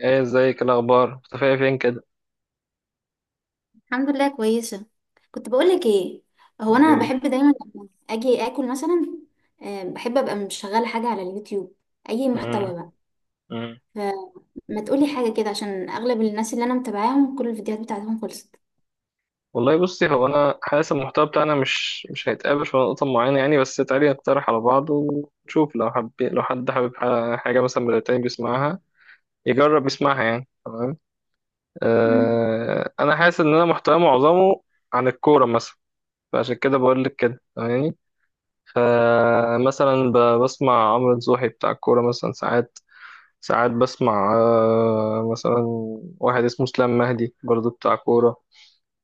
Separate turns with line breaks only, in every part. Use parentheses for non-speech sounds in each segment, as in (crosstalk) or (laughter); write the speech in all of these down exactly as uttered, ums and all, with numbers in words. ايه، ازيك؟ الاخبار؟ مختفيه فين كده؟
الحمد لله كويسة. كنت بقولك ايه؟ هو انا
ليه؟
بحب دايما لما اجي اكل مثلا. آه، بحب ابقى مشغلة حاجة على اليوتيوب، اي
امم.
محتوى بقى.
امم.
فما تقولي حاجة كده عشان اغلب الناس اللي انا متابعاهم كل الفيديوهات بتاعتهم خلصت.
والله بصي، هو انا حاسس المحتوى بتاعنا مش مش هيتقابل في نقطه معينه يعني، بس تعالي نقترح على بعض ونشوف، لو حب لو حد حابب ح- حاجه مثلا من التاني بيسمعها، يجرب يسمعها يعني. تمام.
امم.
آه، انا حاسس ان انا محتوى معظمه عن الكوره مثلا. فعشان كده بقول لك كده، فاهماني؟ فمثلا ب- بسمع عمرو نصوحي بتاع الكوره مثلا. ساعات ساعات بسمع آه، مثلا واحد اسمه اسلام مهدي برضو بتاع كورة.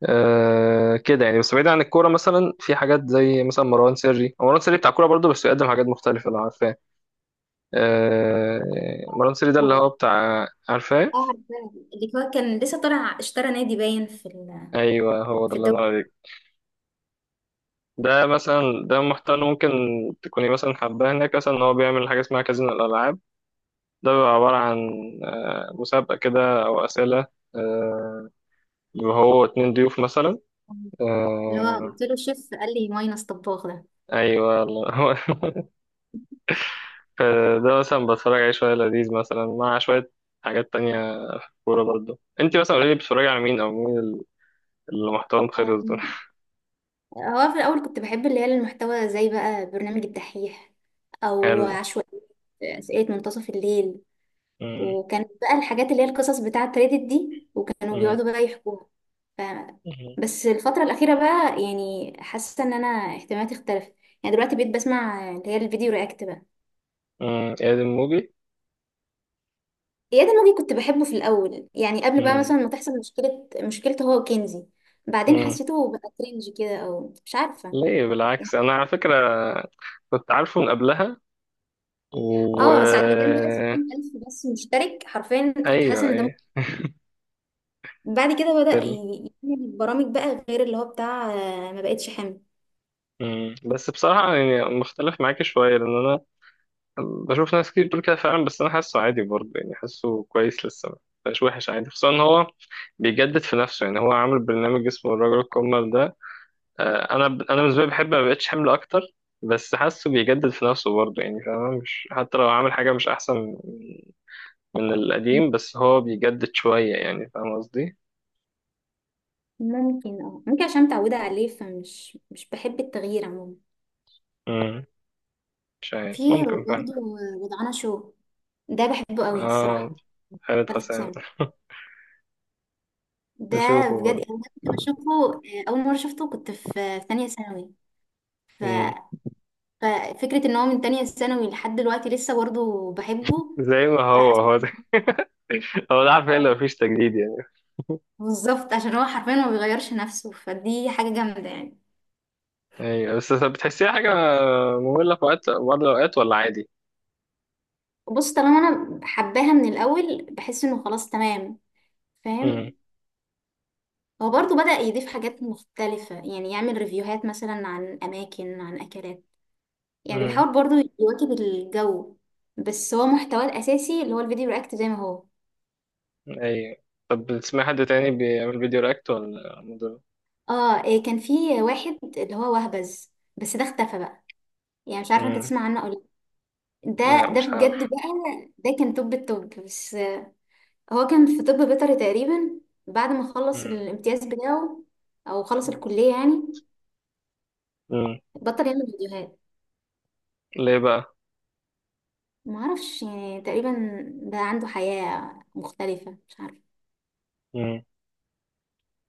آه، كده يعني، بس بعيد عن الكورة مثلا، في حاجات زي مثلا مروان سري. هو مروان سري بتاع كورة برضو، بس بيقدم حاجات مختلفة، لو عارفاه. آه. مروان سري ده اللي
كورة.
هو بتاع، عارفاه؟
اه، عارفاه. اللي هو كان لسه طالع اشترى نادي باين في ال-
أيوه، هو ده
في
اللي
الدوري.
أنا عليك. ده مثلا، ده محتوى ممكن تكوني مثلا حباه هناك، مثلا إن هو بيعمل حاجة اسمها كازينو الألعاب. ده بيبقى عبارة عن، آه، مسابقة كده أو أسئلة. آه. وهو اتنين ضيوف مثلا.
اللي هو
آه.
قلت له الشيف قال لي ماينس طباخ.
ايوه والله (laughs) هو ده مثلا بتفرج عليه شويه، لذيذ مثلا مع شويه حاجات تانية. كوره برضه، انت مثلا قولي لي، بتتفرجي على مين او مين ال- اللي محتوى
ده
خلص دول؟
هو في الأول كنت بحب اللي هي المحتوى زي بقى برنامج الدحيح،
(laughs)
أو
حلو.
عشوائية، أسئلة منتصف الليل.
امم.
وكانت بقى الحاجات اللي هي القصص بتاعة ريدت دي وكانوا
امم.
بيقعدوا بقى يحكوها. ف...
امم.
بس الفترة الأخيرة بقى يعني حاسة إن أنا اهتماماتي اختلفت. يعني دلوقتي بقيت بسمع اللي هي الفيديو رياكت بقى.
امم. اياد الموجي.
إياد الموجي كنت بحبه في الأول يعني قبل بقى
امم.
مثلا ما تحصل مشكلة مشكلته هو وكنزي. بعدين
امم.
حسيته بقى كرنج كده أو مش عارفة.
ليه؟ بالعكس، انا على فكره كنت عارفه من قبلها و...
اه، ساعة ما كان بقى ستين ألف بس مشترك، حرفيا كنت حاسة
ايوه
ان ده م-
ايوه.
بعد كده بدأ
حلو.
ي- يعمل برامج بقى غير اللي هو بتاع آه، ما بقتش حامل.
امم بس بصراحه يعني مختلف معاكي شويه، لان انا بشوف ناس كتير بتقول كده فعلا، بس انا حاسه عادي برضه، يعني حاسه كويس لسه، مش وحش، عادي، خصوصا ان هو بيجدد في نفسه. يعني هو عامل برنامج اسمه الرجل الكمل ده. آه، انا ب... انا بالنسبه لي بحب ما بقتش حمل اكتر. بس حاسه بيجدد في نفسه برضه، يعني فاهم؟ مش، حتى لو عامل حاجه مش احسن من القديم، بس هو بيجدد شويه، يعني فاهم قصدي؟
ممكن اه ممكن عشان متعودة عليه فمش مش بحب التغيير عموما.
امم. مش عارف،
في
ممكن فعلا.
برضه وضعنا شو، ده بحبه قوي
اه.
الصراحة.
خالد
خالد
حسام.
حسام،
(laughs)
ده
نشوفه
بجد
برضه.
انا ده كنت بشوفه. آه، اول مرة شفته كنت في في تانية ثانوي. ف...
امم.
ففكرة ان هو من تانية ثانوي لحد دلوقتي لسه برضه بحبه،
زي ما هو،
فحسيت.
هو زي- (laughs) هو ده عارف ايه اللي مفيش تجديد يعني. (laughs)
بالظبط عشان هو حرفيا ما بيغيرش نفسه فدي حاجة جامدة يعني.
ايوه، بس بتحسيها حاجة مملة في وقت، بعض الأوقات، ولا عادي؟
بص طالما انا حباها من الاول بحس انه خلاص تمام،
امم.
فاهم. هو برضو بدأ يضيف حاجات مختلفة يعني يعمل ريفيوهات مثلا عن اماكن عن اكلات، يعني
امم.
بيحاول برضو يواكب الجو. بس هو محتواه الاساسي اللي هو الفيديو رياكت زي ما هو.
ايوه. طب بتسمع حد تاني بيعمل فيديو رياكت، ولا مدر؟
اه، إيه كان في واحد اللي هو وهبز بس ده اختفى بقى، يعني مش عارفة انت
امم.
تسمع عنه ولا لأ. ده
لا،
ده
مش عارف.
بجد بقى، ده كان توب التوب. بس هو كان في طب بيطري تقريبا. بعد ما خلص
امم.
الامتياز بتاعه او خلص الكلية يعني،
امم.
بطل يعمل فيديوهات.
ليه بقى؟
ما اعرفش، يعني تقريبا بقى عنده حياة مختلفة، مش عارفة.
امم.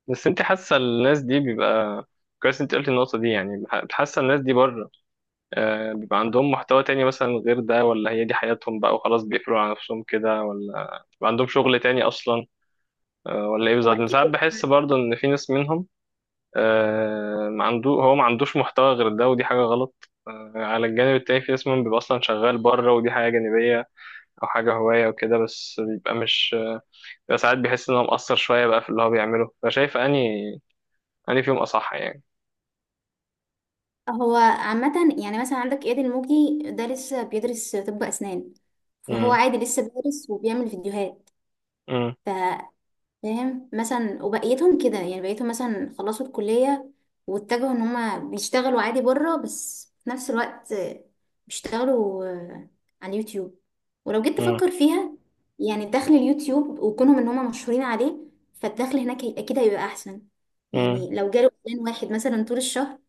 بس انت حاسة الناس دي بيبقى، كويس انت قلت النقطة دي يعني، بح- حاسة الناس دي بره، آه، بيبقى عندهم محتوى تاني مثلا غير ده، ولا هي دي حياتهم بقى وخلاص بيقفلوا على نفسهم كده، ولا بيبقى عندهم شغل تاني أصلا، آه، ولا ايه
هو
بالظبط؟ أنا
اكيد
ساعات بحس
بيبقى-
برضه إن في ناس منهم، آه، ما عنده، هو ما عندوش محتوى غير ده، ودي حاجة غلط. آه، على الجانب التاني في ناس منهم بيبقى أصلا شغال بره، ودي حاجة جانبية أو حاجة هواية وكده، بس بيبقى مش، بيبقى ساعات بيحس إن هو مقصر شوية بقى في اللي هو بيعمله، فشايف أني أني فيهم أصح يعني.
هو عامة، يعني مثلا عندك اياد الموجي ده لسه بيدرس طب اسنان، فهو
مم.
عادي لسه بيدرس وبيعمل فيديوهات.
مم.
فاهم، مثلا وبقيتهم كده يعني بقيتهم مثلا خلصوا الكلية واتجهوا ان هما بيشتغلوا عادي بره، بس في نفس الوقت بيشتغلوا آه، على اليوتيوب. ولو جيت
مم.
تفكر فيها، يعني دخل اليوتيوب وكونهم ان هما مشهورين عليه فالدخل هناك هي- اكيد هيبقى احسن.
مم.
يعني لو جاله اعلان واحد مثلا طول الشهر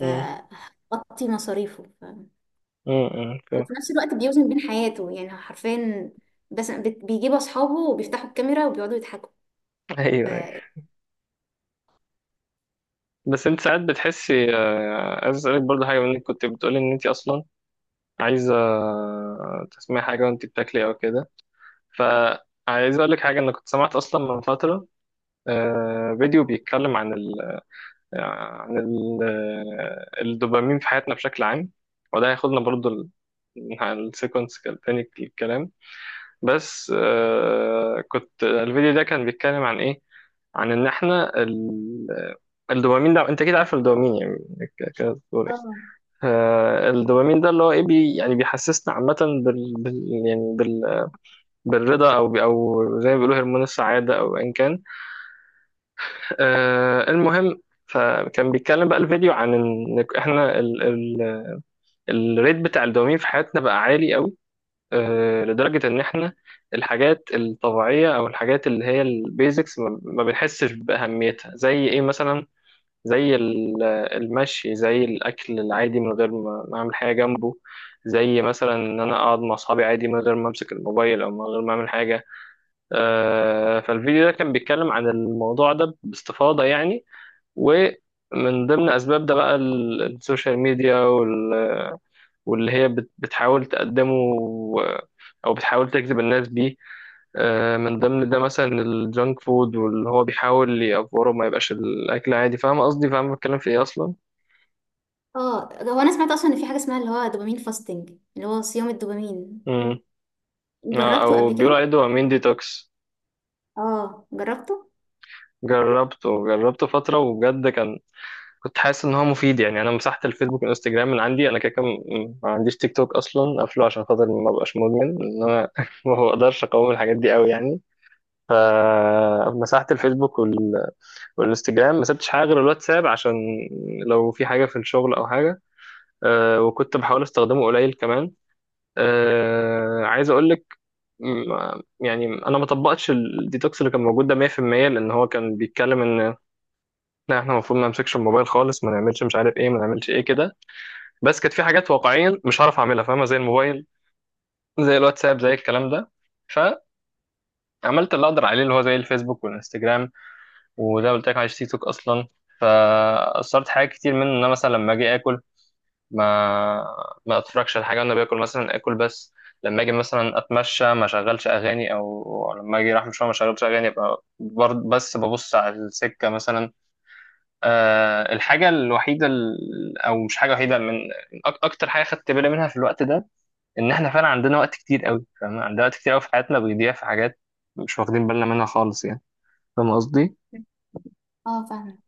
مم.
مصاريفه. ف...
مم. مم، فاهم.
وفي نفس الوقت بيوزن بين حياته، يعني حرفيا بس بت- بيجيبوا اصحابه وبيفتحوا الكاميرا وبيقعدوا يضحكوا.
أيوه
ف...
أيوه. بس أنت ساعات بتحسي، آه، عايز أسألك برضه حاجة منك. كنت بتقولي إن أنت أصلا عايزة تسمعي حاجة وأنت بتاكلي أو كده. ف عايز اقول لك حاجه، انا كنت سمعت اصلا من فتره، آه، فيديو بيتكلم عن ال عن ال، آه، الدوبامين في حياتنا بشكل عام. وده هياخدنا برضو ال- عن السيكونس تاني الكلام. بس آه، كنت الفيديو ده كان بيتكلم عن ايه؟ عن ان احنا ال... الدوبامين ده، انت كده عارف الدوبامين يعني؟ ك- كده بتقول ايه؟ آه، الدوبامين ده اللي هو ايه، بي... يعني بيحسسنا عامة، بال... بال... يعني، بال... بالرضا، او بي- او زي ما بيقولوا هرمون السعادة، او ان كان، آه، المهم. فكان بيتكلم بقى الفيديو عن ان احنا ال ال الريت بتاع الدوبامين في حياتنا بقى عالي قوي، آه، لدرجة ان احنا الحاجات الطبيعية، او الحاجات اللي هي البيزكس، ما ما بنحسش بأهميتها، زي ايه مثلا؟ زي ال- المشي، زي الاكل العادي من غير ما ما اعمل حاجة جنبه، زي مثلا ان انا اقعد مع اصحابي عادي من غير ما امسك الموبايل او من غير ما اعمل حاجة. آه، فالفيديو ده كان بيتكلم عن الموضوع ده باستفاضة يعني. ومن ضمن أسباب ده بقى ال- السوشيال ميديا وال- واللي هي بت- بتحاول تقدمه أو بتحاول تجذب الناس بيه. آه، من ضمن ده مثلا الجانك فود، واللي هو بيحاول يأفوره ما يبقاش الأكل عادي، فاهم قصدي؟ فاهم بتكلم في إيه أصلا؟
اه، ده هو انا سمعت اصلا ان في حاجه اسمها اللي هو دوبامين فاستنج، اللي هو صيام الدوبامين.
مم. آه،
جربته
أو
قبل كده.
بيقولوا عليه دوبامين ديتوكس.
اه، جربته.
جربته جربته فترة وبجد كان، كنت حاسس ان هو مفيد يعني. انا مسحت الفيسبوك والانستجرام من عندي، انا كده كده م- ما عنديش تيك توك اصلا، قافله عشان خاطر ما ابقاش مدمن، ان انا (laughs) ما بقدرش اقاوم الحاجات دي قوي يعني. فمسحت الفيسبوك وال... والانستجرام، ما سبتش حاجه غير الواتساب عشان لو في حاجه في الشغل او حاجه. أه، وكنت بحاول استخدمه قليل كمان. أه، عايز اقول لك، م- يعني انا ما طبقتش الديتوكس اللي كان موجود ده مية في المية، لان هو كان بيتكلم ان لا، احنا المفروض ما نمسكش الموبايل خالص، ما نعملش مش عارف ايه، ما نعملش ايه كده. بس كانت في حاجات واقعيا مش هعرف اعملها، فاهمه؟ زي الموبايل، زي الواتساب، زي الكلام ده. فعملت اللي اقدر عليه، اللي هو زي الفيسبوك والانستجرام، وده قلت لك على تيك توك اصلا. فاثرت حاجات كتير منه، ان انا مثلا لما اجي اكل، ما ما اتفرجش على حاجه وانا باكل، مثلا اكل بس. لما اجي مثلا اتمشى ما اشغلش اغاني، او لما اجي رايح مشوار ما اشغلش اغاني، ابقى برضه بس ببص على السكه مثلا. أه، الحاجه الوحيده ال- او مش حاجه وحيده، من أك- اكتر حاجه خدت بالي منها في الوقت ده، ان احنا فعلا عندنا وقت كتير قوي، فاهم؟ عندنا وقت كتير قوي في حياتنا بيضيع في حاجات مش واخدين بالنا منها خالص يعني، فاهم قصدي؟
اه، فاهمه.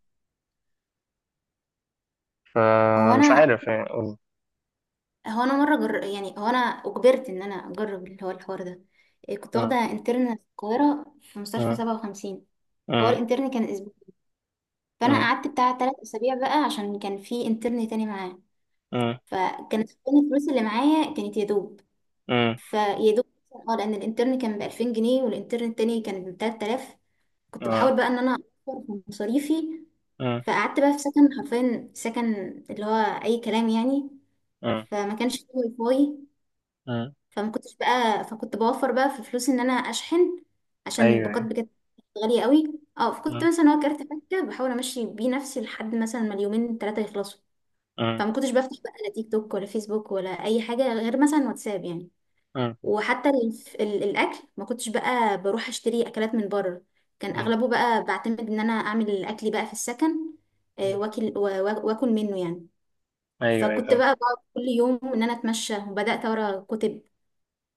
هو
فمش
انا
عارف يعني أقول.
هو انا مره جر... يعني هو انا اجبرت ان انا اجرب اللي هو الحوار ده. إيه، كنت
مم.
واخده انترن في القاهره في مستشفى
مم.
سبعة وخمسين. هو
مم.
الانترن كان اسبوع، فانا
مم.
قعدت بتاع ثلاث اسابيع بقى عشان كان في انترن تاني معاه.
مم.
فكانت كل الفلوس اللي معايا كانت يا دوب،
مم.
فيا دوب، اه لان الانترن كان ب ألفين جنيه والانترن التاني كان ب ثلاثة آلاف. كنت
آه.
بحاول بقى ان انا اوفر في مصاريفي.
مم.
فقعدت بقى في سكن، حرفيا سكن اللي هو اي كلام يعني.
مم.
فما كانش فيه واي فاي،
مم.
فما كنتش بقى فكنت بوفر بقى في فلوس ان انا اشحن عشان
ايوه
الباقات
أيوة.
بجد غالية قوي. اه، فكنت
مم.
مثلا هو كارت فكة بحاول امشي بيه نفسي لحد مثلا ما اليومين ثلاثة يخلصوا.
مم.
فما كنتش بفتح بقى لا تيك توك ولا فيسبوك ولا اي حاجة غير مثلا واتساب يعني.
مم.
وحتى الف- ال- الاكل ما كنتش بقى بروح اشتري اكلات من بره، كان
مم.
اغلبه بقى بعتمد ان انا اعمل اكلي بقى في السكن آه،
مم.
واكل وا- وا- واكل منه يعني.
ايوه ايوه
فكنت
فاهم.
بقى بقعد كل يوم ان انا اتمشى وبدات اقرا كتب،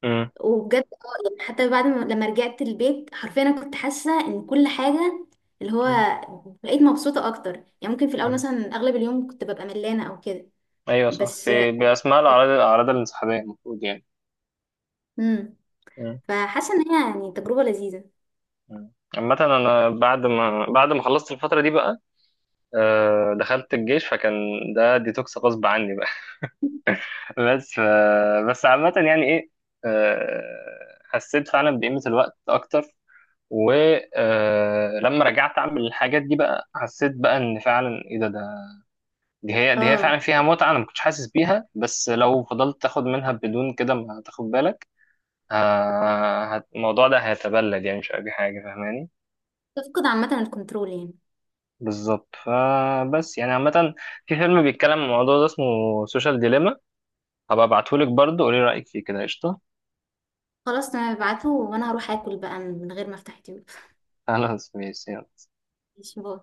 مم.
وبجد اه يعني حتى بعد ما لما رجعت البيت حرفيا انا كنت حاسه ان كل حاجه اللي هو
مم.
بقيت مبسوطه اكتر. يعني ممكن في الاول
مم.
مثلا اغلب اليوم كنت ببقى ملانه او كده،
ايوه صح،
بس
في باسماء الاعراض، الاعراض الانسحابيه المفروض يعني.
امم
مم.
فحاسه ان هي يعني تجربه لذيذه.
مم. عامة أنا بعد ما بعد ما خلصت الفترة دي بقى، آه، دخلت الجيش، فكان ده ديتوكس غصب عني بقى. بس ف- بس عامة، يعني ايه، آه، حسيت فعلا بقيمة الوقت اكتر. ولما رجعت اعمل الحاجات دي بقى حسيت بقى ان فعلا ايه ده، ده، دي هي دي هي فعلا
اه،
فيها متعة، انا ما كنتش حاسس بيها، بس لو فضلت تاخد منها بدون كده ما تاخد بالك، ه- هت- الموضوع ده هيتبلد يعني، مش اي حاجة، فاهماني؟
تفقد عامة الكنترول يعني.
بالظبط. فبس يعني عامة، في فيلم بيتكلم عن الموضوع ده اسمه سوشيال ديليما. هبقى ابعتهولك برضه قولي رأيك فيه كده. قشطة.
خلاص تمام، ابعته وانا هروح اكل بقى من غير ما افتح يوتيوب.
خلاص ماشي.
ماشي، باي.